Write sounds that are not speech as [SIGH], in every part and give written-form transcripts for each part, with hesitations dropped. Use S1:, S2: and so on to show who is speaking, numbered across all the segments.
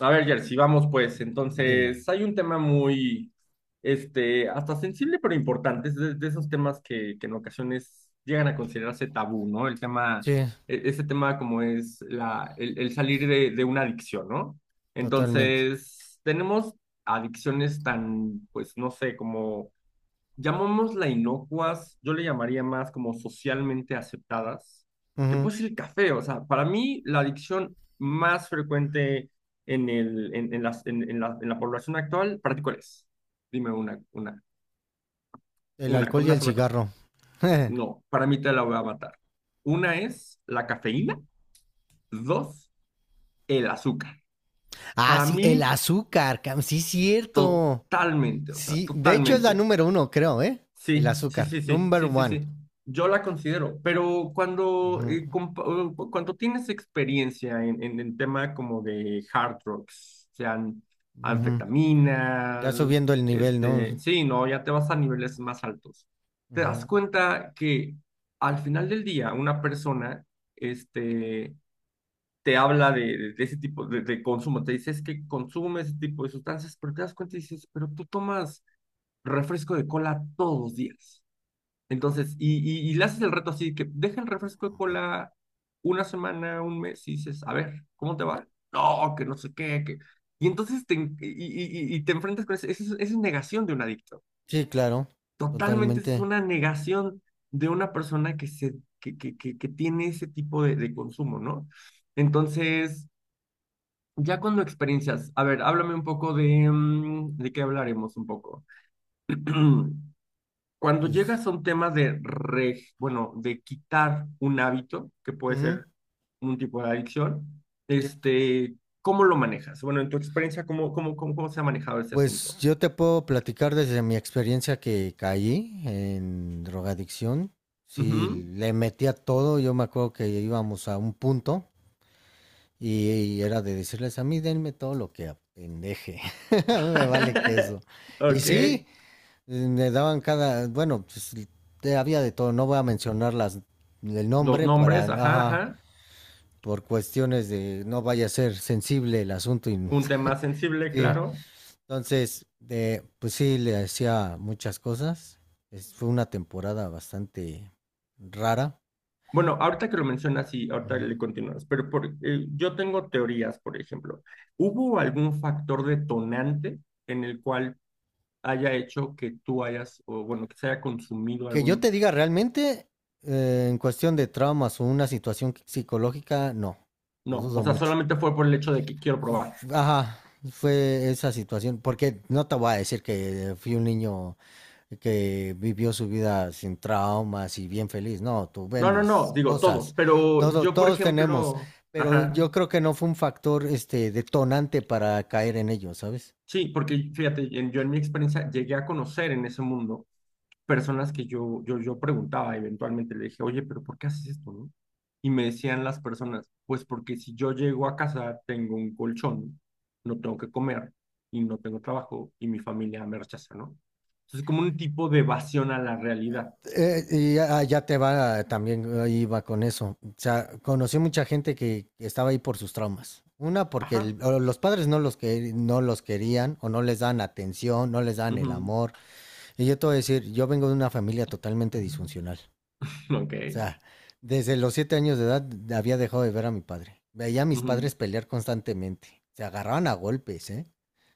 S1: A ver, Jersey, vamos pues.
S2: Dime.
S1: Entonces, hay un tema muy, hasta sensible, pero importante. Es de esos temas que en ocasiones llegan a considerarse tabú, ¿no? El tema,
S2: Sí,
S1: ese tema como es el salir de una adicción, ¿no?
S2: totalmente.
S1: Entonces, tenemos adicciones tan, pues, no sé, como llamémosla inocuas, yo le llamaría más como socialmente aceptadas, que
S2: Ujú.
S1: puede ser el café. O sea, para mí la adicción más frecuente en, el, en las, en la población actual, ¿para ti cuál es? Dime una, una,
S2: El
S1: una,
S2: alcohol
S1: con
S2: y
S1: una
S2: el
S1: sola cosa.
S2: cigarro. [LAUGHS]
S1: No, para mí te la voy a matar. Una es la cafeína, dos, el azúcar.
S2: Ah,
S1: Para
S2: sí, el
S1: mí,
S2: azúcar. Sí, cierto.
S1: totalmente, o sea,
S2: Sí, de hecho es la
S1: totalmente.
S2: número uno, creo, ¿eh? El
S1: Sí, sí,
S2: azúcar.
S1: sí, sí,
S2: Number
S1: sí, sí,
S2: one.
S1: sí. Yo la considero, pero cuando,
S2: Ujú,
S1: cuando tienes experiencia en el tema como de hard drugs, sean
S2: ujú. Ya
S1: anfetaminas,
S2: subiendo el nivel, ¿no?
S1: sí, no, ya te vas a niveles más altos. Te das
S2: Ujú.
S1: cuenta que al final del día una persona, este, te habla de, de ese tipo de consumo, te dice es que consume ese tipo de sustancias, pero te das cuenta y dices, pero tú tomas refresco de cola todos los días. Entonces, y le haces el reto así, que deja el refresco de cola una semana, un mes, y dices, a ver, ¿cómo te va? No, que no sé qué, que. Y entonces te, en- y te enfrentas con eso. Esa es negación de un adicto.
S2: Sí, claro.
S1: Totalmente, esa es
S2: Totalmente.
S1: una negación de una persona que, se, que tiene ese tipo de consumo, ¿no? Entonces, ya cuando experiencias, a ver, háblame un poco de, ¿de qué hablaremos un poco? [CLEARS THROAT] Cuando
S2: Pues,
S1: llegas a un tema de, bueno, de quitar un hábito, que puede
S2: ujú,
S1: ser un tipo de adicción,
S2: sí,
S1: este, ¿cómo lo manejas? Bueno, en tu experiencia, ¿cómo se ha manejado este
S2: pues
S1: asunto?
S2: yo te puedo platicar desde mi experiencia que caí en drogadicción. Sí,
S1: Ujú.
S2: le metía todo. Yo me acuerdo que íbamos a un punto y, era de decirles a mí, denme todo lo que apendeje. [LAUGHS] Me vale queso.
S1: [LAUGHS]
S2: Y
S1: Ok,
S2: sí, me daban cada, bueno, pues, había de todo. No voy a mencionar las, el
S1: los
S2: nombre para,
S1: nombres, ajá,
S2: ajá,
S1: ajá.
S2: por cuestiones de no vaya a ser sensible el asunto. Y,
S1: Un tema sensible,
S2: [LAUGHS]
S1: claro.
S2: entonces, de, pues sí, le hacía muchas cosas. Fue una temporada bastante rara.
S1: Bueno, ahorita que lo mencionas, sí, ahorita
S2: Ujú.
S1: le continúas, pero yo tengo teorías, por ejemplo. ¿Hubo algún factor detonante en el cual haya hecho que tú hayas, o bueno, que se haya consumido
S2: Que
S1: algo.
S2: yo te diga realmente, en cuestión de traumas o una situación psicológica, no, lo
S1: No,
S2: dudo
S1: o sea,
S2: mucho.
S1: solamente fue por el hecho de que quiero probar.
S2: Ajá, fue esa situación, porque no te voy a decir que fui un niño que vivió su vida sin traumas y bien feliz. No, tuve
S1: No, no, no,
S2: mis
S1: digo todos,
S2: cosas.
S1: pero
S2: Todo,
S1: yo, por
S2: todos tenemos,
S1: ejemplo,
S2: pero
S1: ajá,
S2: yo creo que no fue un factor este, detonante para caer en ello, ¿sabes?
S1: sí, porque fíjate, yo en mi experiencia llegué a conocer en ese mundo personas que yo preguntaba eventualmente, le dije, oye, pero ¿por qué haces esto, no? Y me decían las personas, pues porque si yo llego a casa tengo un colchón, no tengo que comer y no tengo trabajo y mi familia me rechaza, ¿no? Entonces como un tipo de evasión a la realidad.
S2: Y ya, ya te va, también iba con eso. O sea, conocí mucha gente que estaba ahí por sus traumas. Una, porque
S1: Ajá.
S2: o los padres no los querían o no les dan atención, no les dan el
S1: Ujú.
S2: amor. Y yo te voy a decir, yo vengo de una familia totalmente disfuncional.
S1: Ok.
S2: O sea, desde los 7 años de edad había dejado de ver a mi padre. Veía a mis
S1: Ujú.
S2: padres pelear constantemente. Se agarraban a golpes, ¿eh?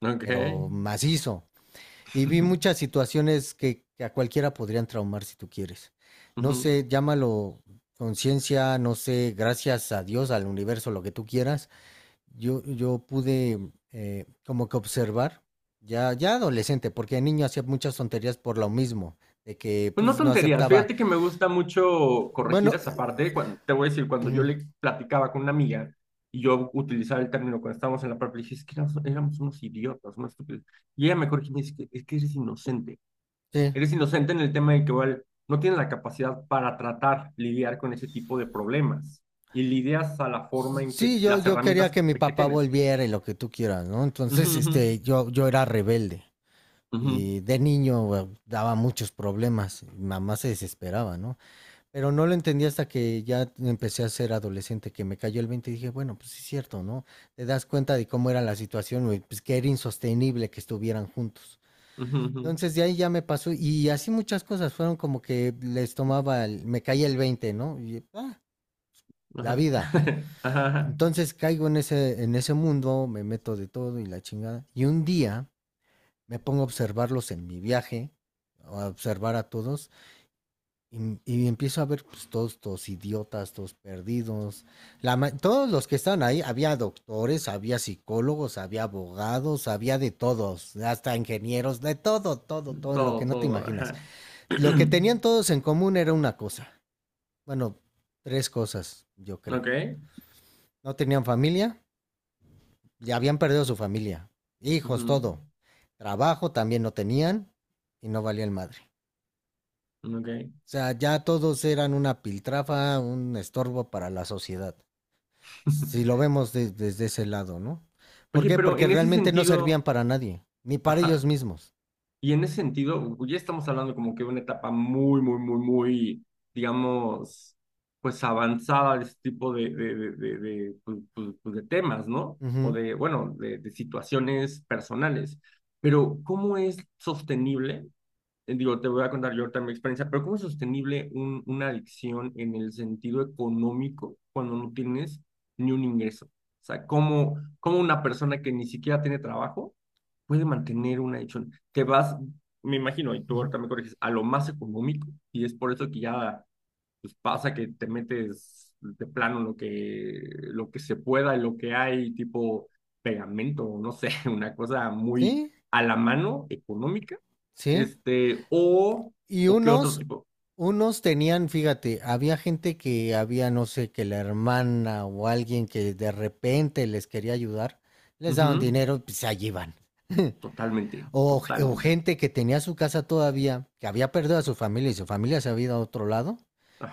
S1: Ok.
S2: Pero macizo. Y vi muchas
S1: [LAUGHS]
S2: situaciones que, a cualquiera podrían traumar si tú quieres. No
S1: Ujú.
S2: sé, llámalo conciencia, no sé, gracias a Dios, al universo, lo que tú quieras. yo pude como que observar, ya, ya adolescente, porque de niño hacía muchas tonterías por lo mismo, de que
S1: Pues no
S2: pues no
S1: tonterías,
S2: aceptaba.
S1: fíjate que me gusta mucho corregir
S2: Bueno,
S1: esa parte. Te voy a decir, cuando yo
S2: ujú,
S1: le platicaba con una amiga y yo utilizaba el término cuando estábamos en la prepa, le dije, es que éramos unos idiotas, unos estúpidos. Y ella me corrigió y me dice, es que eres inocente.
S2: sí,
S1: Eres inocente en el tema de que igual no tienes la capacidad para tratar, lidiar con ese tipo de problemas. Y lidias a la forma en que
S2: sí, yo,
S1: las
S2: yo quería
S1: herramientas
S2: que mi
S1: que
S2: papá
S1: tienes.
S2: volviera y lo que tú quieras, ¿no?
S1: Ujú,
S2: Entonces,
S1: ujú,
S2: este, yo era rebelde.
S1: ujú,
S2: Y de niño bueno, daba muchos problemas. Mi mamá se desesperaba, ¿no? Pero no lo entendí hasta que ya empecé a ser adolescente, que me cayó el 20, y dije, bueno, pues sí es cierto, ¿no? Te das cuenta de cómo era la situación, y, pues que era insostenible que estuvieran juntos.
S1: ujú, ujú,
S2: Entonces de ahí ya me pasó y así muchas cosas fueron como que les tomaba, me caía el 20, ¿no? Y, ah, la
S1: ajá.
S2: vida.
S1: [LAUGHS] Ajá, ajá.
S2: Entonces caigo en ese, mundo, me meto de todo y la chingada. Y un día me pongo a observarlos en mi viaje, a observar a todos, y empiezo a ver pues, todos, todos idiotas, todos perdidos. Todos los que estaban ahí, había doctores, había psicólogos, había abogados, había de todos, hasta ingenieros, de todo, todo, todo, en lo que
S1: Todo,
S2: no te
S1: todo,
S2: imaginas.
S1: ajá.
S2: Lo que tenían
S1: [CLEARS THROAT]
S2: todos en común era una cosa. Bueno, tres cosas, yo creo.
S1: Ok.
S2: No tenían familia, ya habían perdido su familia, hijos,
S1: Ujú.
S2: todo. Trabajo también no tenían y no valía el madre.
S1: Ok.
S2: O sea, ya todos eran una piltrafa, un estorbo para la sociedad. Si lo
S1: [LAUGHS]
S2: vemos desde ese lado, ¿no? ¿Por
S1: Oye,
S2: qué?
S1: pero
S2: Porque
S1: en ese
S2: realmente no
S1: sentido,
S2: servían para nadie, ni para ellos
S1: ajá,
S2: mismos.
S1: y en ese sentido, u- ya estamos hablando como que de una etapa muy, muy, muy, muy, digamos, pues avanzada de este tipo de de temas, ¿no? O
S2: Ujú,
S1: de, bueno, de situaciones personales. Pero, ¿cómo es sostenible? Digo, te voy a contar yo ahorita mi experiencia, pero ¿cómo es sostenible una adicción en el sentido económico cuando no tienes ni un ingreso? O sea, ¿cómo una persona que ni siquiera tiene trabajo puede mantener una adicción? Te vas, me imagino, y tú
S2: ujú.
S1: ahorita me corriges, a lo más económico, y es por eso que ya pues pasa que te metes de plano lo que se pueda, lo que hay, tipo pegamento, no sé, [LAUGHS] una cosa muy
S2: Sí,
S1: a la mano, económica,
S2: sí.
S1: este, o,
S2: Y
S1: o qué otro
S2: unos,
S1: tipo.
S2: unos tenían, fíjate, había gente que había, no sé, que la hermana o alguien que de repente les quería ayudar, les daban
S1: Ujú.
S2: dinero y pues, se allí iban. [LAUGHS]
S1: Totalmente,
S2: O, o
S1: totalmente.
S2: gente que tenía su casa todavía, que había perdido a su familia y su familia se había ido a otro lado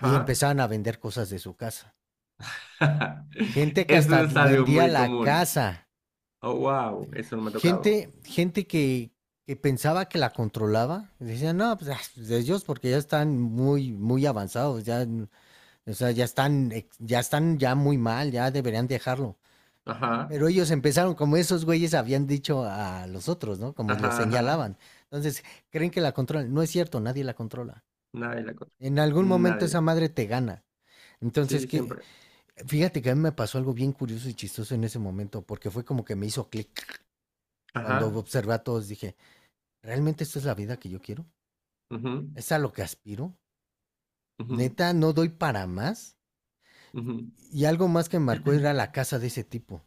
S2: y empezaban a vender cosas de su casa.
S1: [LAUGHS]
S2: Gente que hasta
S1: Eso es algo
S2: vendía
S1: muy
S2: la
S1: común.
S2: casa.
S1: Oh, wow, eso no me ha tocado.
S2: Gente, gente que pensaba que la controlaba. Decían, no, pues ah, de ellos porque ya están muy, muy avanzados, ya. O sea, ya están ya muy mal, ya deberían dejarlo.
S1: Ajá,
S2: Pero ellos empezaron, como esos güeyes habían dicho a los otros, ¿no? Como los
S1: ajá, ajá.
S2: señalaban. Entonces, creen que la controlan. No es cierto, nadie la controla.
S1: Nadie la cosa.
S2: En algún momento
S1: Nadie.
S2: esa madre te gana. Entonces,
S1: Sí,
S2: qué,
S1: siempre.
S2: fíjate que a mí me pasó algo bien curioso y chistoso en ese momento, porque fue como que me hizo clic. Cuando
S1: Ajá.
S2: observé a todos, dije, ¿realmente esta es la vida que yo quiero?
S1: Ujú,
S2: ¿Es a lo que aspiro?
S1: ujú,
S2: Neta, no doy para más.
S1: ujú.
S2: Y algo más que me marcó era
S1: [CLEARS THROAT]
S2: la casa de ese tipo.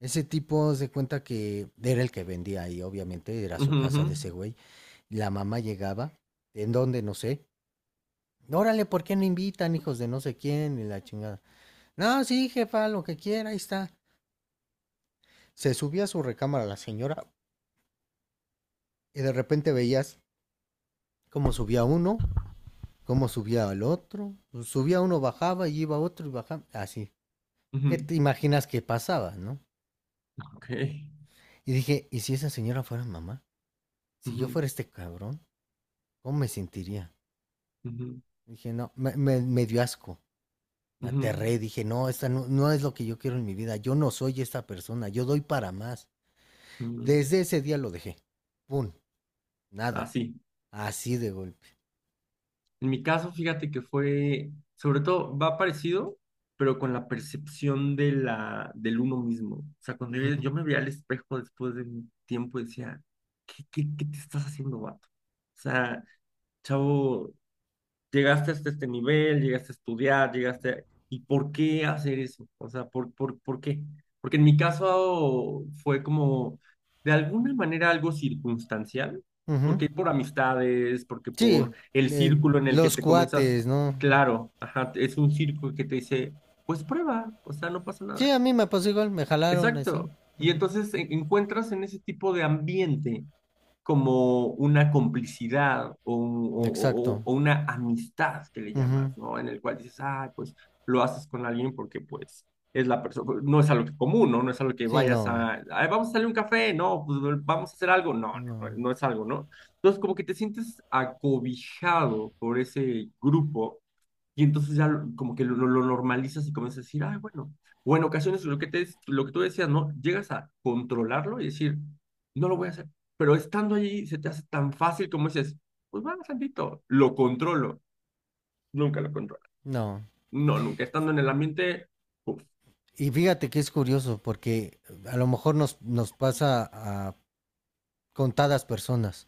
S2: Ese tipo se cuenta que era el que vendía ahí, obviamente, era su
S1: Ujú, ujú,
S2: casa de ese güey. Y la mamá llegaba, ¿en dónde? No sé. Órale, ¿por qué no invitan, hijos de no sé quién? Y la chingada. No, sí, jefa, lo que quiera, ahí está. Se subía a su recámara la señora y de repente veías cómo subía uno, cómo subía el otro. Pues, subía uno, bajaba y iba otro y bajaba. Así. ¿Qué
S1: ujú.
S2: te imaginas que pasaba, no?
S1: Ok.
S2: Y dije, ¿y si esa señora fuera mamá? Si yo
S1: Ujú,
S2: fuera este cabrón, ¿cómo me sentiría?
S1: ujú,
S2: Dije, no, me, me dio asco. Me
S1: ujú,
S2: aterré, dije, no, esta no, no es lo que yo quiero en mi vida. Yo no soy esta persona, yo doy para más.
S1: ujú.
S2: Desde ese día lo dejé. Pum, nada.
S1: Así.
S2: Así de golpe.
S1: En mi caso, fíjate que fue, sobre todo, va parecido, pero con la percepción de la, del uno mismo. O sea, cuando yo,
S2: Ujú,
S1: yo me veía al espejo después de un tiempo, decía, ¿qué te estás haciendo, vato? O sea, chavo, llegaste hasta este nivel, llegaste a estudiar, ¿Y por qué hacer eso? O sea, ¿por qué? Porque en mi caso fue como, de alguna manera, algo circunstancial,
S2: ujú.
S1: porque por amistades, porque
S2: Sí,
S1: por el círculo en el que
S2: los
S1: te comienzas,
S2: cuates, ¿no?
S1: claro, ajá, es un círculo que te dice, pues prueba, o sea, no pasa
S2: Sí,
S1: nada.
S2: a mí me pasó igual, me jalaron así.
S1: Exacto. Y
S2: Ujú,
S1: entonces encuentras en ese tipo de ambiente como una complicidad o, un-
S2: exacto.
S1: o una amistad que le
S2: Ujú.
S1: llamas, ¿no? En el cual dices, ah, pues lo haces con alguien porque pues es la persona, no es algo que común, ¿no? No es algo que
S2: Sí,
S1: vayas
S2: no,
S1: a, "Ay, vamos a salir a un café, no, pues vamos a hacer algo, no, no, no,
S2: no,
S1: no es algo", ¿no? Entonces como que te sientes acobijado por ese grupo y entonces ya lo- como que lo normalizas y comienzas a decir, ay, bueno, o en ocasiones lo que te, lo que tú decías, ¿no? Llegas a controlarlo y decir, no lo voy a hacer, pero estando allí se te hace tan fácil como dices, pues va, tantito, lo controlo, nunca lo controlo.
S2: no.
S1: No, nunca estando en el ambiente, uf,
S2: Y fíjate que es curioso porque a lo mejor nos, nos pasa a contadas personas.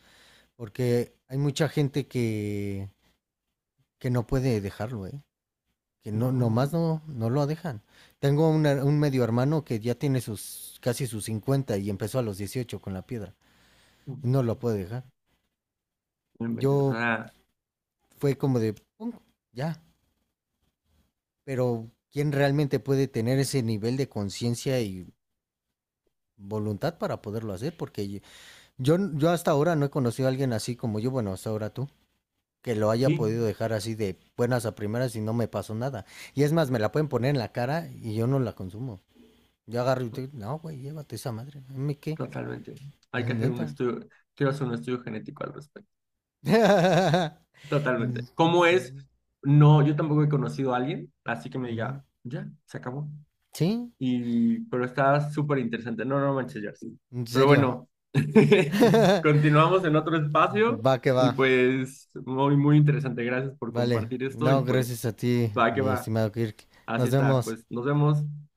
S2: Porque hay mucha gente que, no puede dejarlo, ¿eh? Que no,
S1: no,
S2: nomás no, no lo dejan. Tengo un medio hermano que ya tiene sus casi sus 50 y empezó a los 18 con la piedra
S1: no
S2: y no lo puede dejar. Yo
S1: inventes, o sea,
S2: fue como de, "Pum, ya, pero ¿quién realmente puede tener ese nivel de conciencia y voluntad para poderlo hacer?" Porque yo hasta ahora no he conocido a alguien así como yo, bueno, hasta ahora tú, que lo haya
S1: sí,
S2: podido dejar así de buenas a primeras y no me pasó nada. Y es más, me la pueden poner en la cara y yo no la consumo. Yo agarro y digo, no, güey, llévate esa madre. ¿A qué?
S1: totalmente. Hay que hacer un
S2: Neta.
S1: estudio, quiero hacer un estudio genético al respecto, totalmente. ¿Cómo es? No, yo tampoco he conocido a alguien, así que me diga, ya, se acabó.
S2: [LAUGHS] ¿Sí?
S1: Y, pero está súper interesante. No, no manches, Jersey.
S2: En
S1: Pero
S2: serio.
S1: bueno, [LAUGHS]
S2: [LAUGHS]
S1: continuamos en otro espacio
S2: Va que va.
S1: y pues muy, muy interesante. Gracias por
S2: Vale.
S1: compartir esto y
S2: No,
S1: pues
S2: gracias a ti,
S1: va que
S2: mi
S1: va.
S2: estimado Kirk.
S1: Así
S2: Nos
S1: está.
S2: vemos.
S1: Pues nos vemos.